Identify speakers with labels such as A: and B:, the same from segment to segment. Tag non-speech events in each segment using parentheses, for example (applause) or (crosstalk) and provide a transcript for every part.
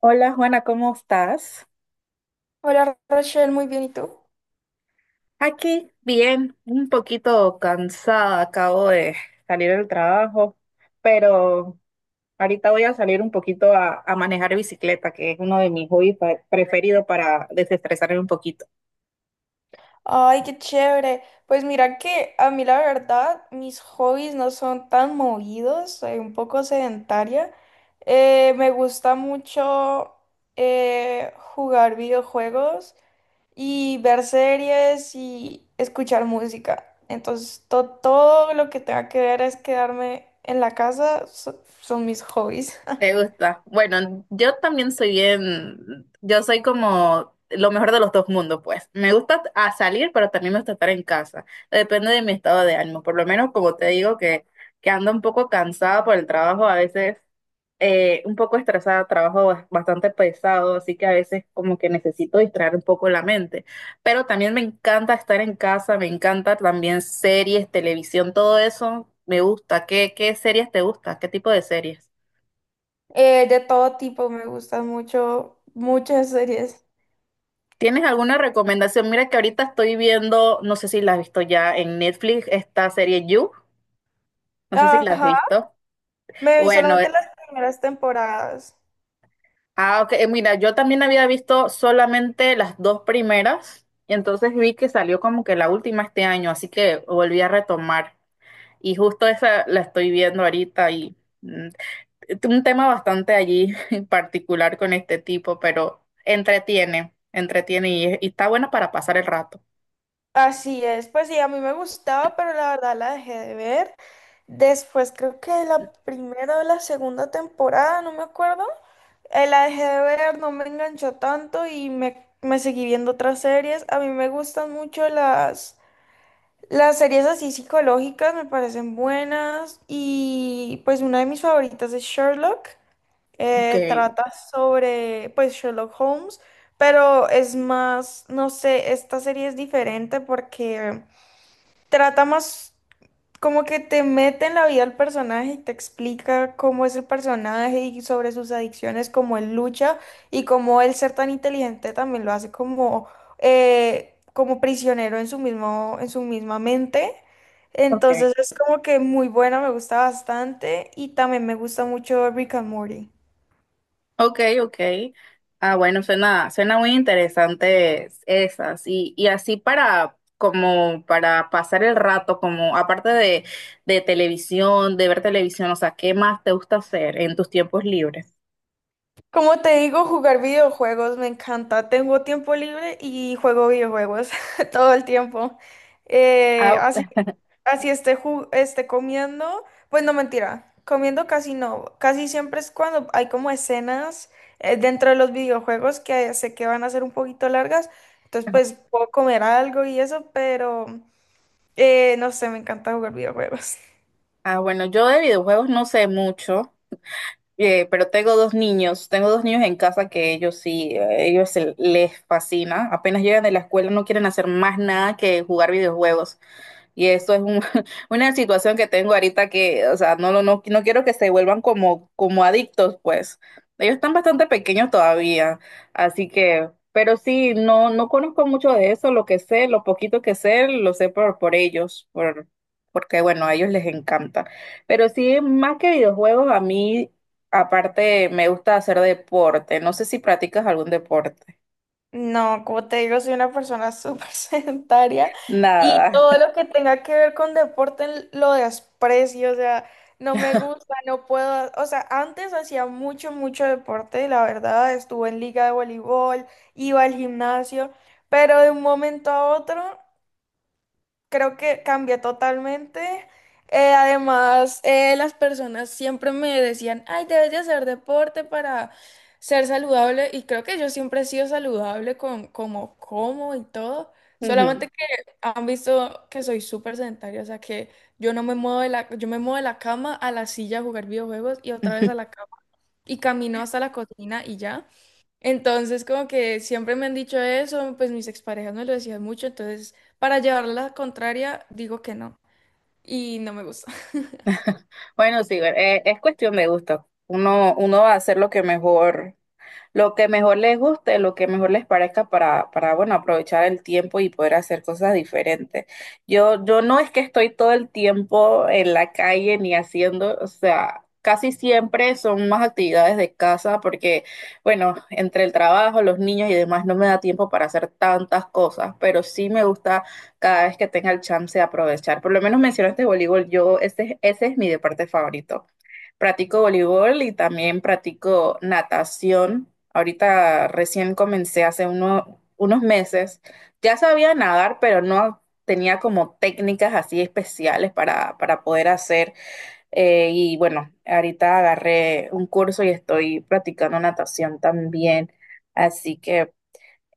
A: Hola Juana, ¿cómo estás?
B: Hola Rachel, muy bien, ¿y tú?
A: Aquí, bien, un poquito cansada, acabo de salir del trabajo, pero ahorita voy a salir un poquito a manejar bicicleta, que es uno de mis hobbies preferidos para desestresarme un poquito.
B: Ay, qué chévere. Pues mira que a mí la verdad mis hobbies no son tan movidos, soy un poco sedentaria. Me gusta mucho jugar videojuegos y ver series y escuchar música. Entonces todo lo que tenga que ver es quedarme en la casa, son mis hobbies. (laughs)
A: ¿Te gusta? Bueno, yo también soy bien, yo soy como lo mejor de los dos mundos, pues. Me gusta a salir, pero también me gusta estar en casa. Depende de mi estado de ánimo, por lo menos como te digo que ando un poco cansada por el trabajo a veces. Un poco estresada, trabajo bastante pesado, así que a veces como que necesito distraer un poco la mente. Pero también me encanta estar en casa, me encanta también series, televisión, todo eso me gusta. ¿Qué series te gusta? ¿Qué tipo de series?
B: De todo tipo, me gustan mucho, muchas series.
A: ¿Tienes alguna recomendación? Mira que ahorita estoy viendo, no sé si la has visto ya en Netflix, esta serie You, no sé si la has
B: Ajá.
A: visto.
B: Me vi
A: Bueno,
B: solamente las primeras temporadas.
A: ah, ok. Mira, yo también había visto solamente las dos primeras y entonces vi que salió como que la última este año, así que volví a retomar y justo esa la estoy viendo ahorita y mm, un tema bastante allí (laughs) en particular con este tipo, pero entretiene, entretiene y, y está bueno para pasar el rato.
B: Así es, pues sí, a mí me gustaba, pero la verdad la dejé de ver. Después creo que la primera o la segunda temporada, no me acuerdo. La dejé de ver, no me enganchó tanto y me seguí viendo otras series. A mí me gustan mucho las series así psicológicas, me parecen buenas. Y pues una de mis favoritas es Sherlock.
A: Ok,
B: Trata sobre, pues, Sherlock Holmes, pero es más, no sé, esta serie es diferente porque trata más como que te mete en la vida del personaje y te explica cómo es el personaje y sobre sus adicciones, cómo él lucha y cómo el ser tan inteligente también lo hace como, como prisionero en su mismo, en su misma mente.
A: ok.
B: Entonces es como que muy buena, me gusta bastante y también me gusta mucho Rick and Morty.
A: Ok, ok. Ah, bueno, suena muy interesante esas. Y así para, como para pasar el rato, como aparte de televisión, de ver televisión, o sea, ¿qué más te gusta hacer en tus tiempos libres?
B: Como te digo, jugar videojuegos me encanta. Tengo tiempo libre y juego videojuegos (laughs) todo el tiempo. Eh,
A: Ah,
B: así, así esté, esté comiendo, pues no mentira, comiendo casi no. Casi siempre es cuando hay como escenas dentro de los videojuegos que sé que van a ser un poquito largas. Entonces, pues puedo comer algo y eso, pero no sé, me encanta jugar videojuegos.
A: ah, bueno, yo de videojuegos no sé mucho, pero tengo dos niños en casa que ellos sí, ellos les fascina. Apenas llegan de la escuela no quieren hacer más nada que jugar videojuegos. Y eso es (laughs) una situación que tengo ahorita que, o sea, no, no, no quiero que se vuelvan como adictos, pues. Ellos están bastante pequeños todavía, así que, pero sí, no, no conozco mucho de eso, lo que sé, lo poquito que sé, lo sé por ellos, porque, bueno, a ellos les encanta. Pero sí, más que videojuegos, a mí, aparte, me gusta hacer deporte. No sé si practicas algún deporte.
B: No, como te digo, soy una persona súper (laughs) sedentaria y
A: Nada.
B: todo lo que tenga que ver con deporte lo desprecio, o sea, no me gusta, no puedo, o sea, antes hacía mucho, mucho deporte, la verdad, estuve en liga de voleibol, iba al gimnasio, pero de un momento a otro creo que cambié totalmente. Las personas siempre me decían, ay, debes de hacer deporte para ser saludable. Y creo que yo siempre he sido saludable con como como y todo.
A: (laughs)
B: Solamente que han visto que soy súper sedentaria, o sea que yo no me muevo de la, yo me muevo de la cama a la silla a jugar videojuegos y otra vez a la cama y camino hasta la cocina y ya. Entonces, como que siempre me han dicho eso, pues mis exparejas me lo decían mucho, entonces para llevarla la contraria digo que no y no me gusta.
A: (laughs) Bueno, sí, es cuestión de gusto. Uno va a hacer lo que mejor les guste, lo que mejor les parezca para, bueno, aprovechar el tiempo y poder hacer cosas diferentes. Yo no es que estoy todo el tiempo en la calle ni haciendo, o sea, casi siempre son más actividades de casa porque, bueno, entre el trabajo, los niños y demás no me da tiempo para hacer tantas cosas, pero sí me gusta cada vez que tenga el chance de aprovechar. Por lo menos mencionaste voleibol, yo, ese es mi deporte favorito. Practico voleibol y también practico natación. Ahorita recién comencé hace unos meses. Ya sabía nadar, pero no tenía como técnicas así especiales para, poder hacer. Y bueno, ahorita agarré un curso y estoy practicando natación también. Así que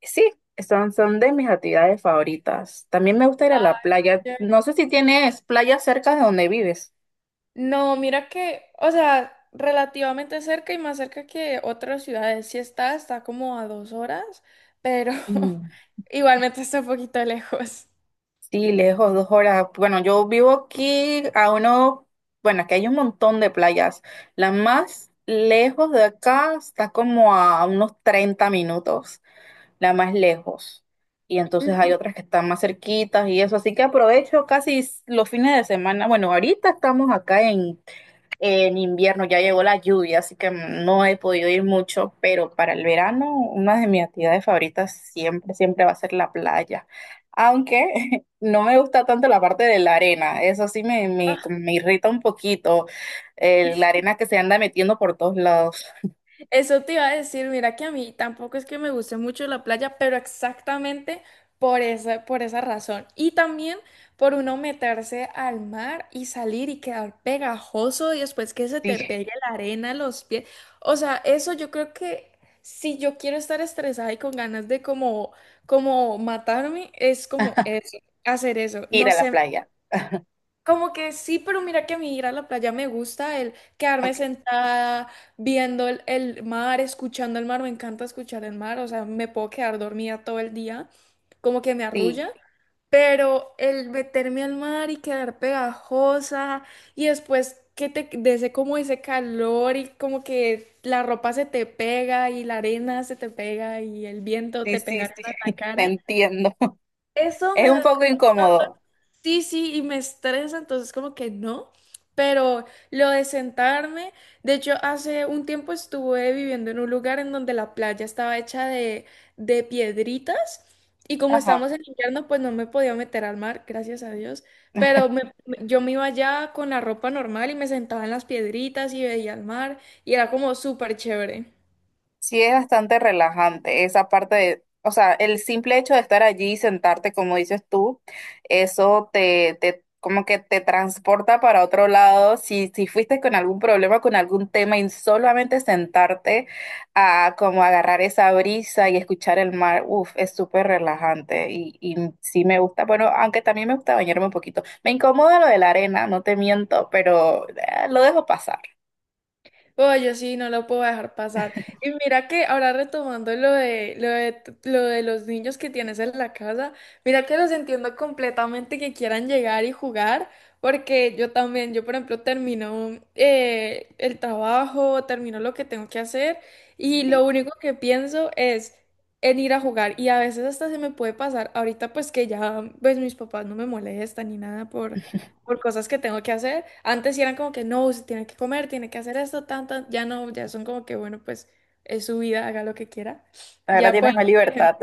A: sí, son, son de mis actividades favoritas. También me gusta ir
B: (laughs)
A: a la playa.
B: Ya.
A: No sé si tienes playa cerca de donde vives.
B: No, mira que, o sea, relativamente cerca y más cerca que otras ciudades, sí está, está como a 2 horas, pero
A: Mm.
B: (laughs) igualmente está un poquito lejos.
A: Sí, lejos, 2 horas. Bueno, yo vivo aquí a uno, bueno, aquí hay un montón de playas. La más lejos de acá está como a unos 30 minutos, la más lejos. Y entonces hay
B: Ujú.
A: otras que están más cerquitas y eso. Así que aprovecho casi los fines de semana. Bueno, ahorita estamos acá en invierno ya llegó la lluvia, así que no he podido ir mucho, pero para el verano una de mis actividades favoritas siempre, siempre va a ser la playa. Aunque (laughs) no me gusta tanto la parte de la arena, eso sí como me irrita un poquito, la arena que se anda metiendo por todos lados.
B: Eso te iba a decir, mira que a mí tampoco es que me guste mucho la playa, pero exactamente por esa razón. Y también por uno meterse al mar y salir y quedar pegajoso y después que se
A: Sí,
B: te pegue la arena a los pies. O sea, eso yo creo que si yo quiero estar estresada y con ganas de como, como matarme, es como eso, hacer eso.
A: ir
B: No
A: a la
B: sé.
A: playa.
B: Como que sí, pero mira que a mí ir a la playa me gusta, el quedarme
A: Ok.
B: sentada viendo el mar, escuchando el mar, me encanta escuchar el mar, o sea, me puedo quedar dormida todo el día, como que me
A: Sí,
B: arrulla, pero el meterme al mar y quedar pegajosa y después que te de como ese calor y como que la ropa se te pega y la arena se te pega y el viento
A: sí,
B: te
A: sí,
B: pega
A: sí,
B: en la
A: (laughs) te
B: cara.
A: entiendo. (laughs)
B: Eso
A: Es
B: me
A: un
B: da.
A: poco incómodo.
B: Sí, sí, y me estresa, entonces como que no, pero lo de sentarme, de hecho hace un tiempo estuve viviendo en un lugar en donde la playa estaba hecha de piedritas y como estábamos en invierno pues no me podía meter al mar, gracias a Dios, pero yo me iba allá con la ropa normal y me sentaba en las piedritas y veía el mar y era como súper chévere.
A: Sí, es bastante relajante esa parte de, o sea, el simple hecho de estar allí y sentarte, como dices tú, eso te como que te transporta para otro lado. Si, si fuiste con algún problema, con algún tema, y solamente sentarte a como agarrar esa brisa y escuchar el mar, uff, es súper relajante y sí me gusta. Bueno, aunque también me gusta bañarme un poquito. Me incomoda lo de la arena, no te miento, pero lo dejo pasar.
B: Oye, sí, no lo puedo dejar pasar. Y mira que ahora retomando lo de los niños que tienes en la casa, mira que los entiendo completamente que quieran llegar y jugar, porque yo también, yo por ejemplo termino el trabajo, termino lo que tengo que hacer y
A: Sí,
B: lo único que pienso es en ir a jugar y a veces hasta se me puede pasar, ahorita pues que ya pues mis papás no me molestan ni nada por cosas que tengo que hacer. Antes sí eran como que no, se tiene que comer, tiene que hacer esto, tanto, ya no, ya son como que bueno, pues es su vida, haga lo que quiera.
A: ahora
B: Ya puedo,
A: tienes más
B: por...
A: libertad.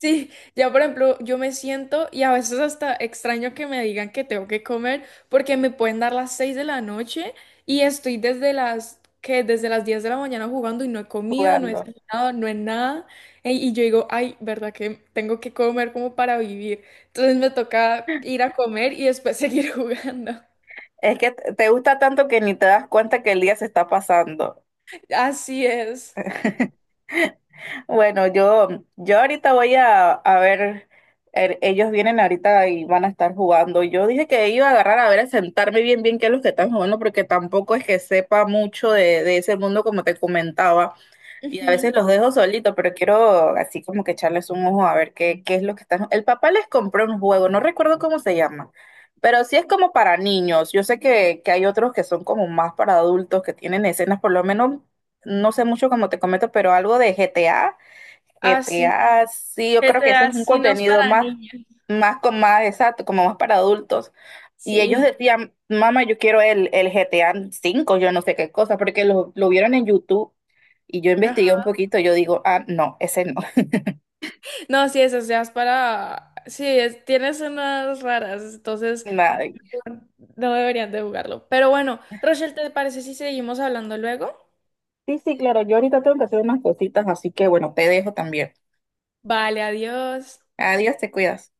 B: Sí, ya por ejemplo, yo me siento y a veces hasta extraño que me digan que tengo que comer porque me pueden dar las 6 de la noche y estoy desde las 10 de la mañana jugando y no he
A: (laughs)
B: comido, no he
A: Jugando.
B: desayunado, no he nada. Y yo digo, ay, ¿verdad que tengo que comer como para vivir? Entonces me toca ir a comer y después seguir (laughs) jugando.
A: Es que te te gusta tanto que ni te das cuenta que el día se está pasando.
B: Así es.
A: Bueno, yo, ahorita voy a ver, ellos vienen ahorita y van a estar jugando. Yo dije que iba a agarrar a ver, a sentarme bien qué es lo que están jugando, porque tampoco es que sepa mucho de ese mundo como te comentaba. Y a
B: Ujú.
A: veces los dejo solitos, pero quiero así como que echarles un ojo a ver qué es lo que están. El papá les compró un juego, no recuerdo cómo se llama, pero sí es como para niños. Yo sé que hay otros que son como más para adultos, que tienen escenas, por lo menos, no sé mucho como te comento, pero algo de GTA.
B: Así.
A: GTA, sí, yo creo que ese es
B: GTA
A: un
B: sí no es
A: contenido
B: para
A: más,
B: niños.
A: más exacto, como más para adultos. Y ellos
B: Sí.
A: decían, mamá, yo quiero el GTA 5, yo no sé qué cosa, porque lo vieron en YouTube y yo investigué un poquito, yo digo, ah, no, ese no.
B: No, sí, esas ya es para... Sí, tienes unas raras, entonces
A: (laughs) Nada.
B: no deberían de jugarlo. Pero bueno, Rochelle, ¿te parece si seguimos hablando luego?
A: Sí, sí, claro, yo ahorita tengo que hacer unas cositas, así que bueno, te dejo también.
B: Vale, adiós.
A: Adiós, te cuidas.